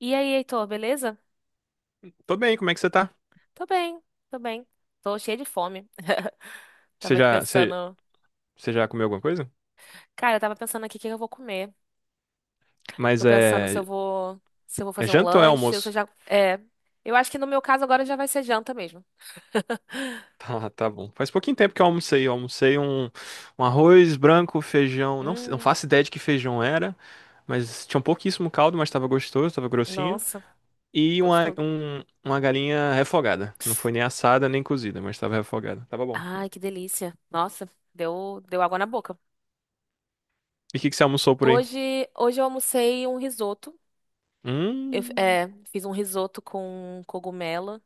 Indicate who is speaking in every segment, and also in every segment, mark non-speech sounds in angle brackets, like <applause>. Speaker 1: E aí, Heitor, beleza?
Speaker 2: Tô bem, como é que você tá?
Speaker 1: Tô bem, tô bem. Tô cheia de fome. <laughs>
Speaker 2: Você
Speaker 1: Tava aqui
Speaker 2: já, você,
Speaker 1: pensando.
Speaker 2: você já comeu alguma coisa?
Speaker 1: Cara, eu tava pensando aqui o que eu vou comer. Tô
Speaker 2: Mas
Speaker 1: pensando se
Speaker 2: é,
Speaker 1: eu vou. Se eu vou
Speaker 2: é
Speaker 1: fazer um
Speaker 2: janta ou é
Speaker 1: lanche, se eu
Speaker 2: almoço? <laughs>
Speaker 1: já. É. Eu acho que no meu caso agora já vai ser janta mesmo. <laughs>
Speaker 2: Tá bom. Faz pouquinho tempo que eu almocei. Um arroz branco, feijão. Não
Speaker 1: Hum,
Speaker 2: faço ideia de que feijão era, mas tinha um pouquíssimo caldo, mas tava gostoso, tava grossinho.
Speaker 1: nossa, gostoso.
Speaker 2: Uma galinha refogada. Não foi nem assada nem cozida, mas tava refogada. Tava bom.
Speaker 1: Ai, que delícia. Nossa, deu água na boca.
Speaker 2: E o que que você almoçou por aí?
Speaker 1: Hoje eu almocei um risoto.
Speaker 2: Hum,
Speaker 1: Fiz um risoto com cogumelo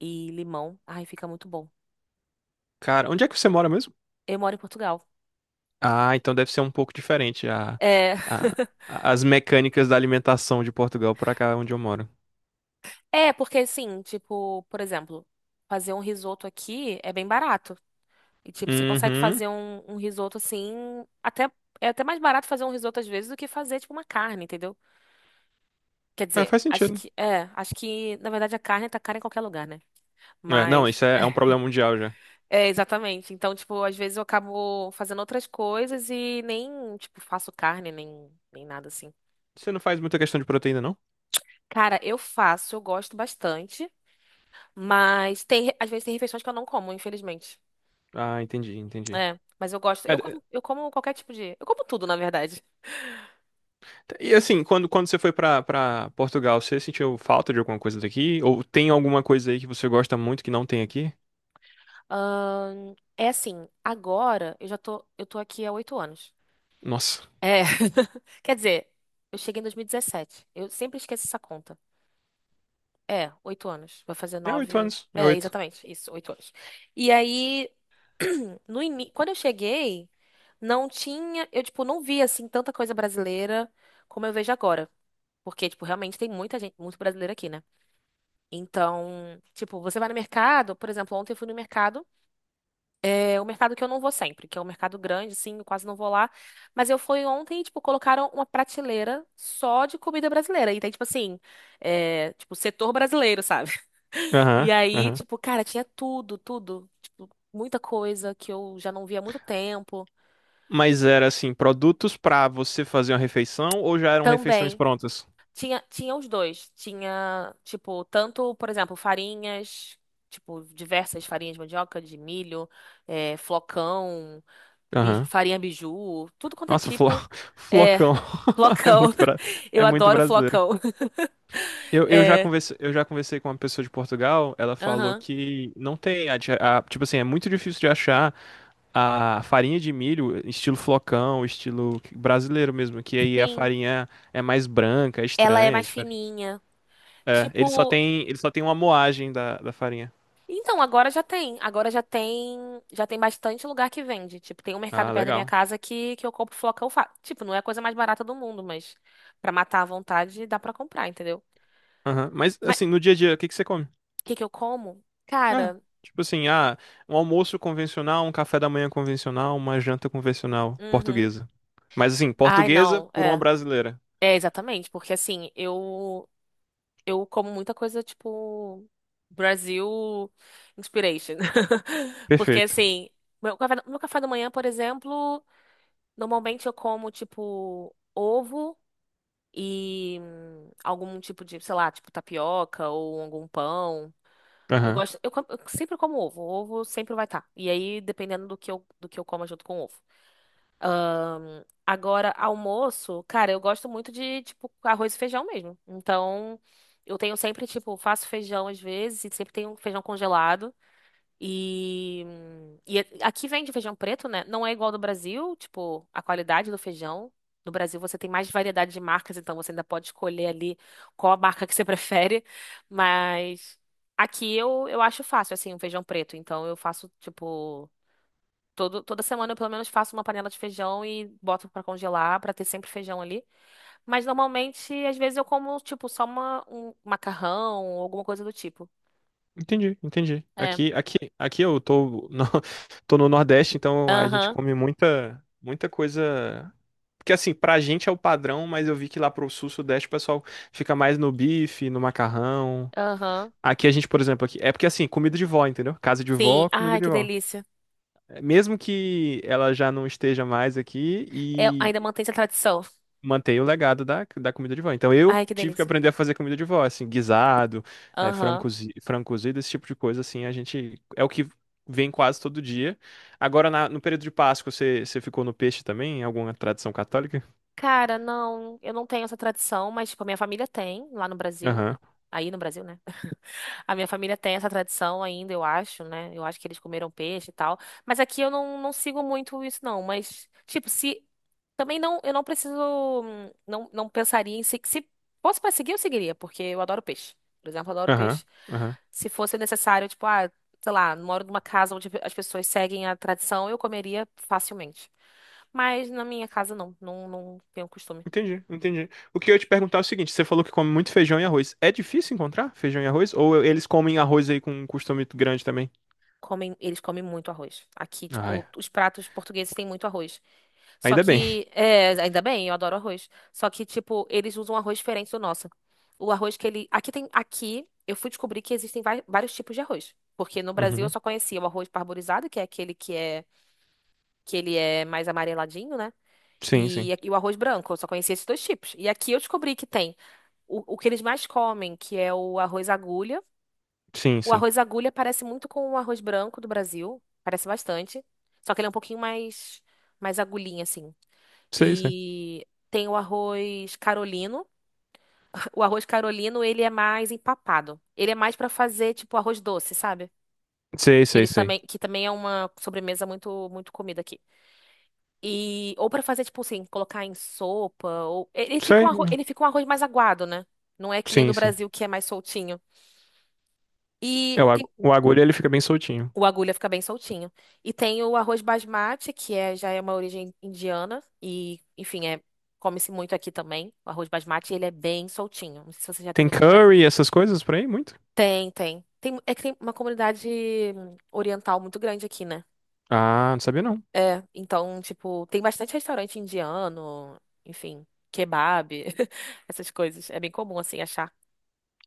Speaker 1: e limão. Ai, fica muito bom.
Speaker 2: cara, onde é que você mora mesmo?
Speaker 1: Eu moro em Portugal.
Speaker 2: Ah, então deve ser um pouco diferente
Speaker 1: É.
Speaker 2: a-
Speaker 1: <laughs>
Speaker 2: as mecânicas da alimentação de Portugal para cá onde eu moro.
Speaker 1: É, porque assim, tipo, por exemplo, fazer um risoto aqui é bem barato. E, tipo, você consegue
Speaker 2: Uhum.
Speaker 1: fazer um risoto assim, até, é até mais barato fazer um risoto às vezes do que fazer, tipo, uma carne, entendeu? Quer
Speaker 2: É,
Speaker 1: dizer,
Speaker 2: faz sentido.
Speaker 1: acho que, na verdade, a carne tá cara em qualquer lugar, né?
Speaker 2: É, não,
Speaker 1: Mas,
Speaker 2: isso é, é um
Speaker 1: <laughs>
Speaker 2: problema mundial já.
Speaker 1: é, exatamente. Então, tipo, às vezes eu acabo fazendo outras coisas e nem, tipo, faço carne, nem nada assim.
Speaker 2: Você não faz muita questão de proteína, não?
Speaker 1: Cara, eu gosto bastante, mas às vezes tem refeições que eu não como, infelizmente.
Speaker 2: Ah, entendi.
Speaker 1: É, mas eu gosto.
Speaker 2: É, d-
Speaker 1: Eu como qualquer tipo de. Eu como tudo, na verdade.
Speaker 2: e assim, quando você foi pra para Portugal, você sentiu falta de alguma coisa daqui? Ou tem alguma coisa aí que você gosta muito que não tem aqui?
Speaker 1: É assim, agora eu já tô. Eu tô aqui há 8 anos.
Speaker 2: Nossa,
Speaker 1: É. <laughs> Quer dizer, eu cheguei em 2017. Eu sempre esqueço essa conta. É, 8 anos. Vai fazer nove.
Speaker 2: é
Speaker 1: É,
Speaker 2: 8.
Speaker 1: exatamente. Isso, 8 anos. E aí, <clears throat> no ini... quando eu cheguei, não tinha. Eu, tipo, não via assim tanta coisa brasileira como eu vejo agora. Porque, tipo, realmente tem muita gente, muito brasileiro aqui, né? Então, tipo, você vai no mercado, por exemplo, ontem eu fui no mercado, é o mercado que eu não vou sempre, que é um mercado grande, sim, eu quase não vou lá, mas eu fui ontem e, tipo, colocaram uma prateleira só de comida brasileira, e tem, tipo assim, é, tipo, setor brasileiro, sabe? <laughs> E
Speaker 2: Aham,
Speaker 1: aí,
Speaker 2: aham.
Speaker 1: tipo, cara, tinha tudo, tudo, tipo, muita coisa que eu já não via há muito tempo,
Speaker 2: Mas era assim, produtos pra você fazer uma refeição ou já eram refeições
Speaker 1: também,
Speaker 2: prontas?
Speaker 1: tinha os dois, tinha, tipo, tanto, por exemplo, farinhas, tipo, diversas farinhas de mandioca, de milho, é, flocão.
Speaker 2: Aham.
Speaker 1: Farinha biju, tudo quanto é
Speaker 2: Nossa, flo...
Speaker 1: tipo.
Speaker 2: <laughs>
Speaker 1: É,
Speaker 2: flocão. <laughs> É
Speaker 1: flocão.
Speaker 2: muito, bra...
Speaker 1: <laughs> Eu
Speaker 2: é muito
Speaker 1: adoro
Speaker 2: brasileiro.
Speaker 1: flocão. <laughs> É,
Speaker 2: Eu já conversei com uma pessoa de Portugal, ela falou
Speaker 1: aham.
Speaker 2: que não tem, tipo assim, é muito difícil de achar a farinha de milho estilo flocão, estilo brasileiro mesmo, que aí a
Speaker 1: Sim,
Speaker 2: farinha é mais branca, é
Speaker 1: ela é
Speaker 2: estranha, é
Speaker 1: mais
Speaker 2: diferente.
Speaker 1: fininha. Tipo,
Speaker 2: Ele só tem uma moagem da farinha.
Speaker 1: então já tem bastante lugar que vende. Tipo, tem um mercado
Speaker 2: Ah,
Speaker 1: perto da minha
Speaker 2: legal.
Speaker 1: casa que eu compro flocão, tipo, não é a coisa mais barata do mundo, mas pra matar à vontade dá pra comprar, entendeu?
Speaker 2: Aham. Mas
Speaker 1: Mas o
Speaker 2: assim, no dia a dia, o que que você come?
Speaker 1: que que eu como?
Speaker 2: É,
Speaker 1: Cara,
Speaker 2: tipo assim, ah, um almoço convencional, um café da manhã convencional, uma janta convencional
Speaker 1: uhum.
Speaker 2: portuguesa. Mas assim,
Speaker 1: Ai,
Speaker 2: portuguesa
Speaker 1: não,
Speaker 2: por uma
Speaker 1: é.
Speaker 2: brasileira.
Speaker 1: É exatamente, porque assim, eu como muita coisa tipo Brasil inspiration. <laughs> Porque
Speaker 2: Perfeito.
Speaker 1: assim, meu café da manhã, por exemplo, normalmente eu como tipo ovo e algum tipo de, sei lá, tipo tapioca ou algum pão. Eu
Speaker 2: Aham.
Speaker 1: gosto, eu sempre como ovo, o ovo sempre vai estar. E aí, dependendo do que eu como é junto com o ovo. Agora, almoço, cara, eu gosto muito de, tipo, arroz e feijão mesmo. Então, eu tenho sempre, tipo, faço feijão às vezes, e sempre tenho feijão congelado. E, e aqui vende feijão preto, né? Não é igual do Brasil, tipo, a qualidade do feijão. No Brasil você tem mais variedade de marcas, então você ainda pode escolher ali qual a marca que você <laughs> prefere. Mas aqui eu acho fácil, assim, um feijão preto. Então eu faço, tipo. Toda semana eu pelo menos faço uma panela de feijão e boto pra congelar, pra ter sempre feijão ali. Mas normalmente, às vezes eu como, tipo, só um macarrão ou alguma coisa do tipo.
Speaker 2: Entendi, entendi.
Speaker 1: É.
Speaker 2: Aqui eu tô no, <laughs> tô no Nordeste, então a gente
Speaker 1: Aham,
Speaker 2: come muita, muita coisa. Porque assim, pra gente é o padrão, mas eu vi que lá pro Sul, Sudeste, o pessoal fica mais no bife, no macarrão.
Speaker 1: aham.
Speaker 2: Aqui a gente, por exemplo, aqui, é porque assim, comida de vó, entendeu? Casa de
Speaker 1: Sim.
Speaker 2: vó, comida
Speaker 1: Ai,
Speaker 2: de
Speaker 1: que
Speaker 2: vó.
Speaker 1: delícia.
Speaker 2: Mesmo que ela já não esteja mais aqui
Speaker 1: É, ainda
Speaker 2: e
Speaker 1: mantém essa tradição.
Speaker 2: manter o legado da comida de vó. Então eu
Speaker 1: Ai, que
Speaker 2: tive que
Speaker 1: delícia.
Speaker 2: aprender a fazer comida de vó, assim, guisado, é,
Speaker 1: Aham.
Speaker 2: frango cozido, esse tipo de coisa, assim, a gente é o que vem quase todo dia. Agora, no período de Páscoa, você ficou no peixe também? Em alguma tradição católica?
Speaker 1: Cara, não, eu não tenho essa tradição, mas, tipo, a minha família tem lá no Brasil.
Speaker 2: Aham,
Speaker 1: Aí no Brasil, né? A minha família tem essa tradição ainda, eu acho, né? Eu acho que eles comeram peixe e tal. Mas aqui eu não sigo muito isso, não. Mas, tipo, se. Também não, eu não preciso. Não, não pensaria em se. Se fosse pra seguir, eu seguiria, porque eu adoro peixe. Por exemplo, eu adoro
Speaker 2: aham,
Speaker 1: peixe.
Speaker 2: aham.
Speaker 1: Se fosse necessário, tipo, ah, sei lá, moro numa casa onde as pessoas seguem a tradição, eu comeria facilmente. Mas na minha casa, não. Não, não tenho costume.
Speaker 2: Entendi, entendi. O que eu ia te perguntar é o seguinte, você falou que come muito feijão e arroz. É difícil encontrar feijão e arroz? Ou eles comem arroz aí com um costume grande também?
Speaker 1: Comem, eles comem muito arroz. Aqui,
Speaker 2: Ah,
Speaker 1: tipo,
Speaker 2: é.
Speaker 1: os pratos portugueses têm muito arroz. Só
Speaker 2: Ainda bem.
Speaker 1: que, é, ainda bem, eu adoro arroz. Só que, tipo, eles usam um arroz diferente do nosso. O arroz que ele. Aqui tem. Aqui eu fui descobrir que existem vários tipos de arroz. Porque no Brasil eu
Speaker 2: Uhum.
Speaker 1: só conhecia o arroz parborizado, que é aquele que é que ele é mais amareladinho, né?
Speaker 2: Sim,
Speaker 1: E,
Speaker 2: sim.
Speaker 1: e o arroz branco, eu só conhecia esses dois tipos. E aqui eu descobri que tem o que eles mais comem, que é o arroz agulha.
Speaker 2: Sim,
Speaker 1: O
Speaker 2: sim.
Speaker 1: arroz agulha parece muito com o arroz branco do Brasil, parece bastante. Só que ele é um pouquinho mais, mais agulhinha, assim.
Speaker 2: Sei, sei.
Speaker 1: E tem o arroz carolino. <laughs> O arroz carolino, ele é mais empapado. Ele é mais pra fazer tipo arroz doce, sabe?
Speaker 2: Sei,
Speaker 1: Que
Speaker 2: sei,
Speaker 1: eles
Speaker 2: sei.
Speaker 1: também, que também é uma sobremesa muito muito comida aqui. E ou pra fazer tipo assim, colocar em sopa ou
Speaker 2: Sei.
Speaker 1: ele fica um arroz mais aguado, né? Não é que nem no
Speaker 2: Sim, sim.
Speaker 1: Brasil que é mais soltinho. E tem
Speaker 2: O agulha ele fica bem soltinho.
Speaker 1: O agulha fica bem soltinho. E tem o arroz basmati, que é, já é uma origem indiana. E, enfim, é, come-se muito aqui também. O arroz basmati, ele é bem soltinho. Não sei se você já
Speaker 2: Tem
Speaker 1: teve a oportunidade.
Speaker 2: curry, essas coisas por aí? Muito?
Speaker 1: Tem, tem. Tem, é que tem uma comunidade oriental muito grande aqui, né?
Speaker 2: Ah, não sabia não.
Speaker 1: É, então, tipo, tem bastante restaurante indiano, enfim, kebab, <laughs> essas coisas. É bem comum, assim, achar.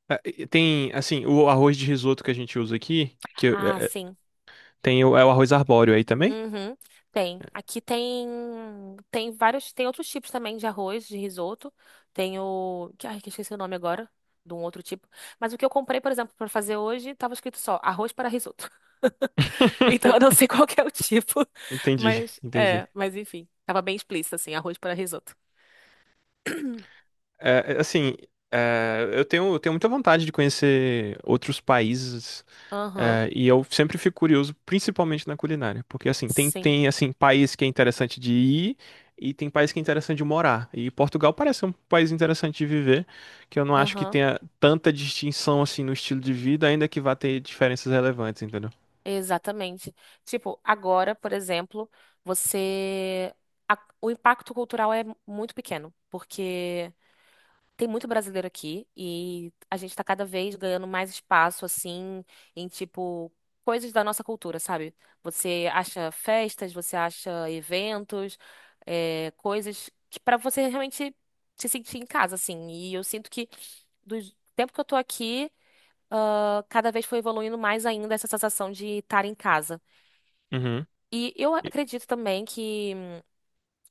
Speaker 2: É, e tem, assim, o arroz de risoto que a gente usa aqui,
Speaker 1: Ah, sim.
Speaker 2: tem o, é o arroz arbóreo aí também?
Speaker 1: Uhum, tem. Aqui tem vários, tem outros tipos também de arroz, de risoto. Tem ai, que eu esqueci o nome agora, de um outro tipo. Mas o que eu comprei, por exemplo, para fazer hoje, tava escrito só arroz para risoto. <laughs> Então eu não
Speaker 2: <laughs>
Speaker 1: sei qual que é o tipo, <laughs>
Speaker 2: Entendi,
Speaker 1: mas
Speaker 2: entendi.
Speaker 1: é, mas enfim, tava bem explícito assim, arroz para risoto.
Speaker 2: É, é, assim, eu tenho, muita vontade de conhecer outros países.
Speaker 1: Aham,
Speaker 2: É, e eu sempre fico curioso, principalmente na culinária, porque assim,
Speaker 1: sim.
Speaker 2: tem assim, país que é interessante de ir e tem país que é interessante de morar. E Portugal parece um país interessante de viver, que eu não acho que
Speaker 1: Aham,
Speaker 2: tenha tanta distinção assim no estilo de vida, ainda que vá ter diferenças relevantes, entendeu?
Speaker 1: exatamente. Tipo, agora, por exemplo, você o impacto cultural é muito pequeno, porque tem muito brasileiro aqui e a gente tá cada vez ganhando mais espaço, assim, em tipo coisas da nossa cultura, sabe? Você acha festas, você acha eventos, é, coisas que para você realmente se sentir em casa, assim. E eu sinto que do tempo que eu tô aqui, ah, cada vez foi evoluindo mais ainda essa sensação de estar em casa.
Speaker 2: Uhum.
Speaker 1: E eu
Speaker 2: E
Speaker 1: acredito também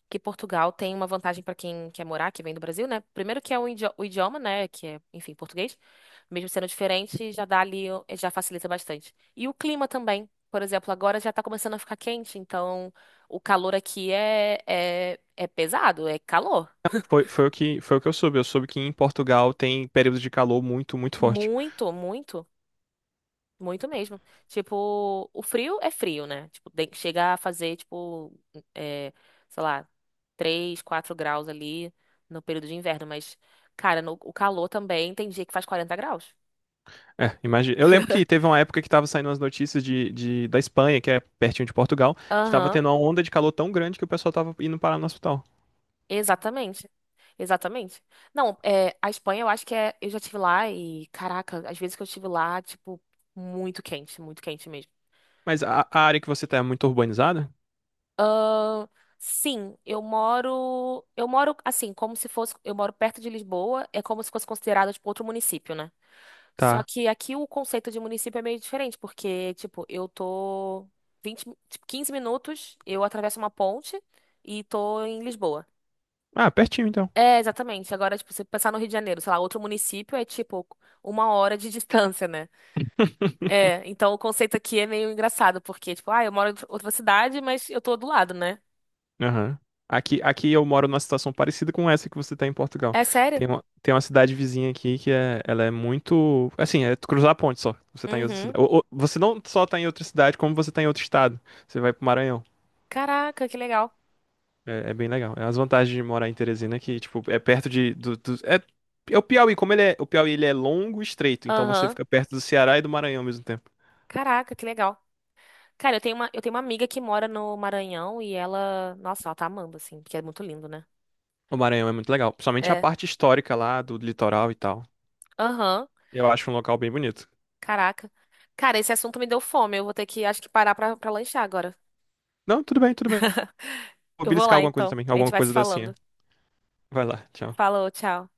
Speaker 1: que Portugal tem uma vantagem para quem quer morar, que vem do Brasil, né? Primeiro que é o idioma, né? Que é, enfim, português. Mesmo sendo diferente, já dá ali, já facilita bastante. E o clima também. Por exemplo, agora já tá começando a ficar quente, então o calor aqui é pesado, é calor.
Speaker 2: foi, foi o que eu soube. Eu soube que em Portugal tem períodos de calor muito, muito forte.
Speaker 1: Muito, muito. Muito mesmo. Tipo, o frio é frio, né? Tipo, chega a fazer, tipo, é, sei lá, 3 4 graus ali no período de inverno. Mas, cara, no, o calor também tem dia que faz 40 graus.
Speaker 2: É, imagina. Eu lembro que
Speaker 1: <laughs>
Speaker 2: teve uma época que tava saindo as notícias da Espanha, que é pertinho de Portugal, que tava
Speaker 1: Aham,
Speaker 2: tendo uma onda de calor tão grande que o pessoal tava indo parar no hospital.
Speaker 1: exatamente. Exatamente. Não, é, a Espanha eu acho que é. Eu já estive lá e, caraca, às vezes que eu estive lá, tipo, muito quente, muito quente.
Speaker 2: Mas a área que você tá é muito urbanizada?
Speaker 1: Ahn, sim, eu moro assim, como se fosse, eu moro perto de Lisboa, é como se fosse considerado tipo outro município, né? Só
Speaker 2: Tá.
Speaker 1: que aqui o conceito de município é meio diferente, porque tipo, eu tô 20 15 minutos, eu atravesso uma ponte e tô em Lisboa.
Speaker 2: Ah, pertinho então.
Speaker 1: É, exatamente. Agora, tipo, se pensar no Rio de Janeiro, sei lá, outro município é tipo 1 hora de <laughs> distância, né?
Speaker 2: <laughs>
Speaker 1: É, então o conceito aqui é meio engraçado, porque tipo, ah, eu moro em outra cidade, mas eu tô do lado, né?
Speaker 2: Aham. Aqui eu moro numa situação parecida com essa que você tá em Portugal.
Speaker 1: É sério?
Speaker 2: Tem uma cidade vizinha aqui que é, ela é muito. Assim, é tu cruzar a ponte só. Você tá em outra
Speaker 1: Uhum.
Speaker 2: cidade. Você não só tá em outra cidade, como você tá em outro estado. Você vai pro Maranhão.
Speaker 1: Caraca, que legal.
Speaker 2: É, é bem legal. É as vantagens de morar em Teresina que, tipo, é perto de. É o Piauí, como ele é. O Piauí ele é longo e estreito, então você
Speaker 1: Aham.
Speaker 2: fica perto do Ceará e do Maranhão ao mesmo tempo.
Speaker 1: Caraca, que legal. Cara, eu tenho uma amiga que mora no Maranhão e ela, nossa, ela tá amando assim, porque é muito lindo, né?
Speaker 2: O Maranhão é muito legal. Principalmente a
Speaker 1: É.
Speaker 2: parte histórica lá do litoral e tal.
Speaker 1: Aham.
Speaker 2: Eu acho um local bem bonito.
Speaker 1: Caraca. Cara, esse assunto me deu fome. Eu vou ter que, acho que parar pra lanchar agora.
Speaker 2: Não, tudo bem, tudo bem. Vou
Speaker 1: Eu vou
Speaker 2: beliscar
Speaker 1: lá
Speaker 2: alguma coisa
Speaker 1: então.
Speaker 2: também.
Speaker 1: A gente
Speaker 2: Alguma
Speaker 1: vai se
Speaker 2: coisa docinha.
Speaker 1: falando.
Speaker 2: Vai lá, tchau.
Speaker 1: Falou, tchau.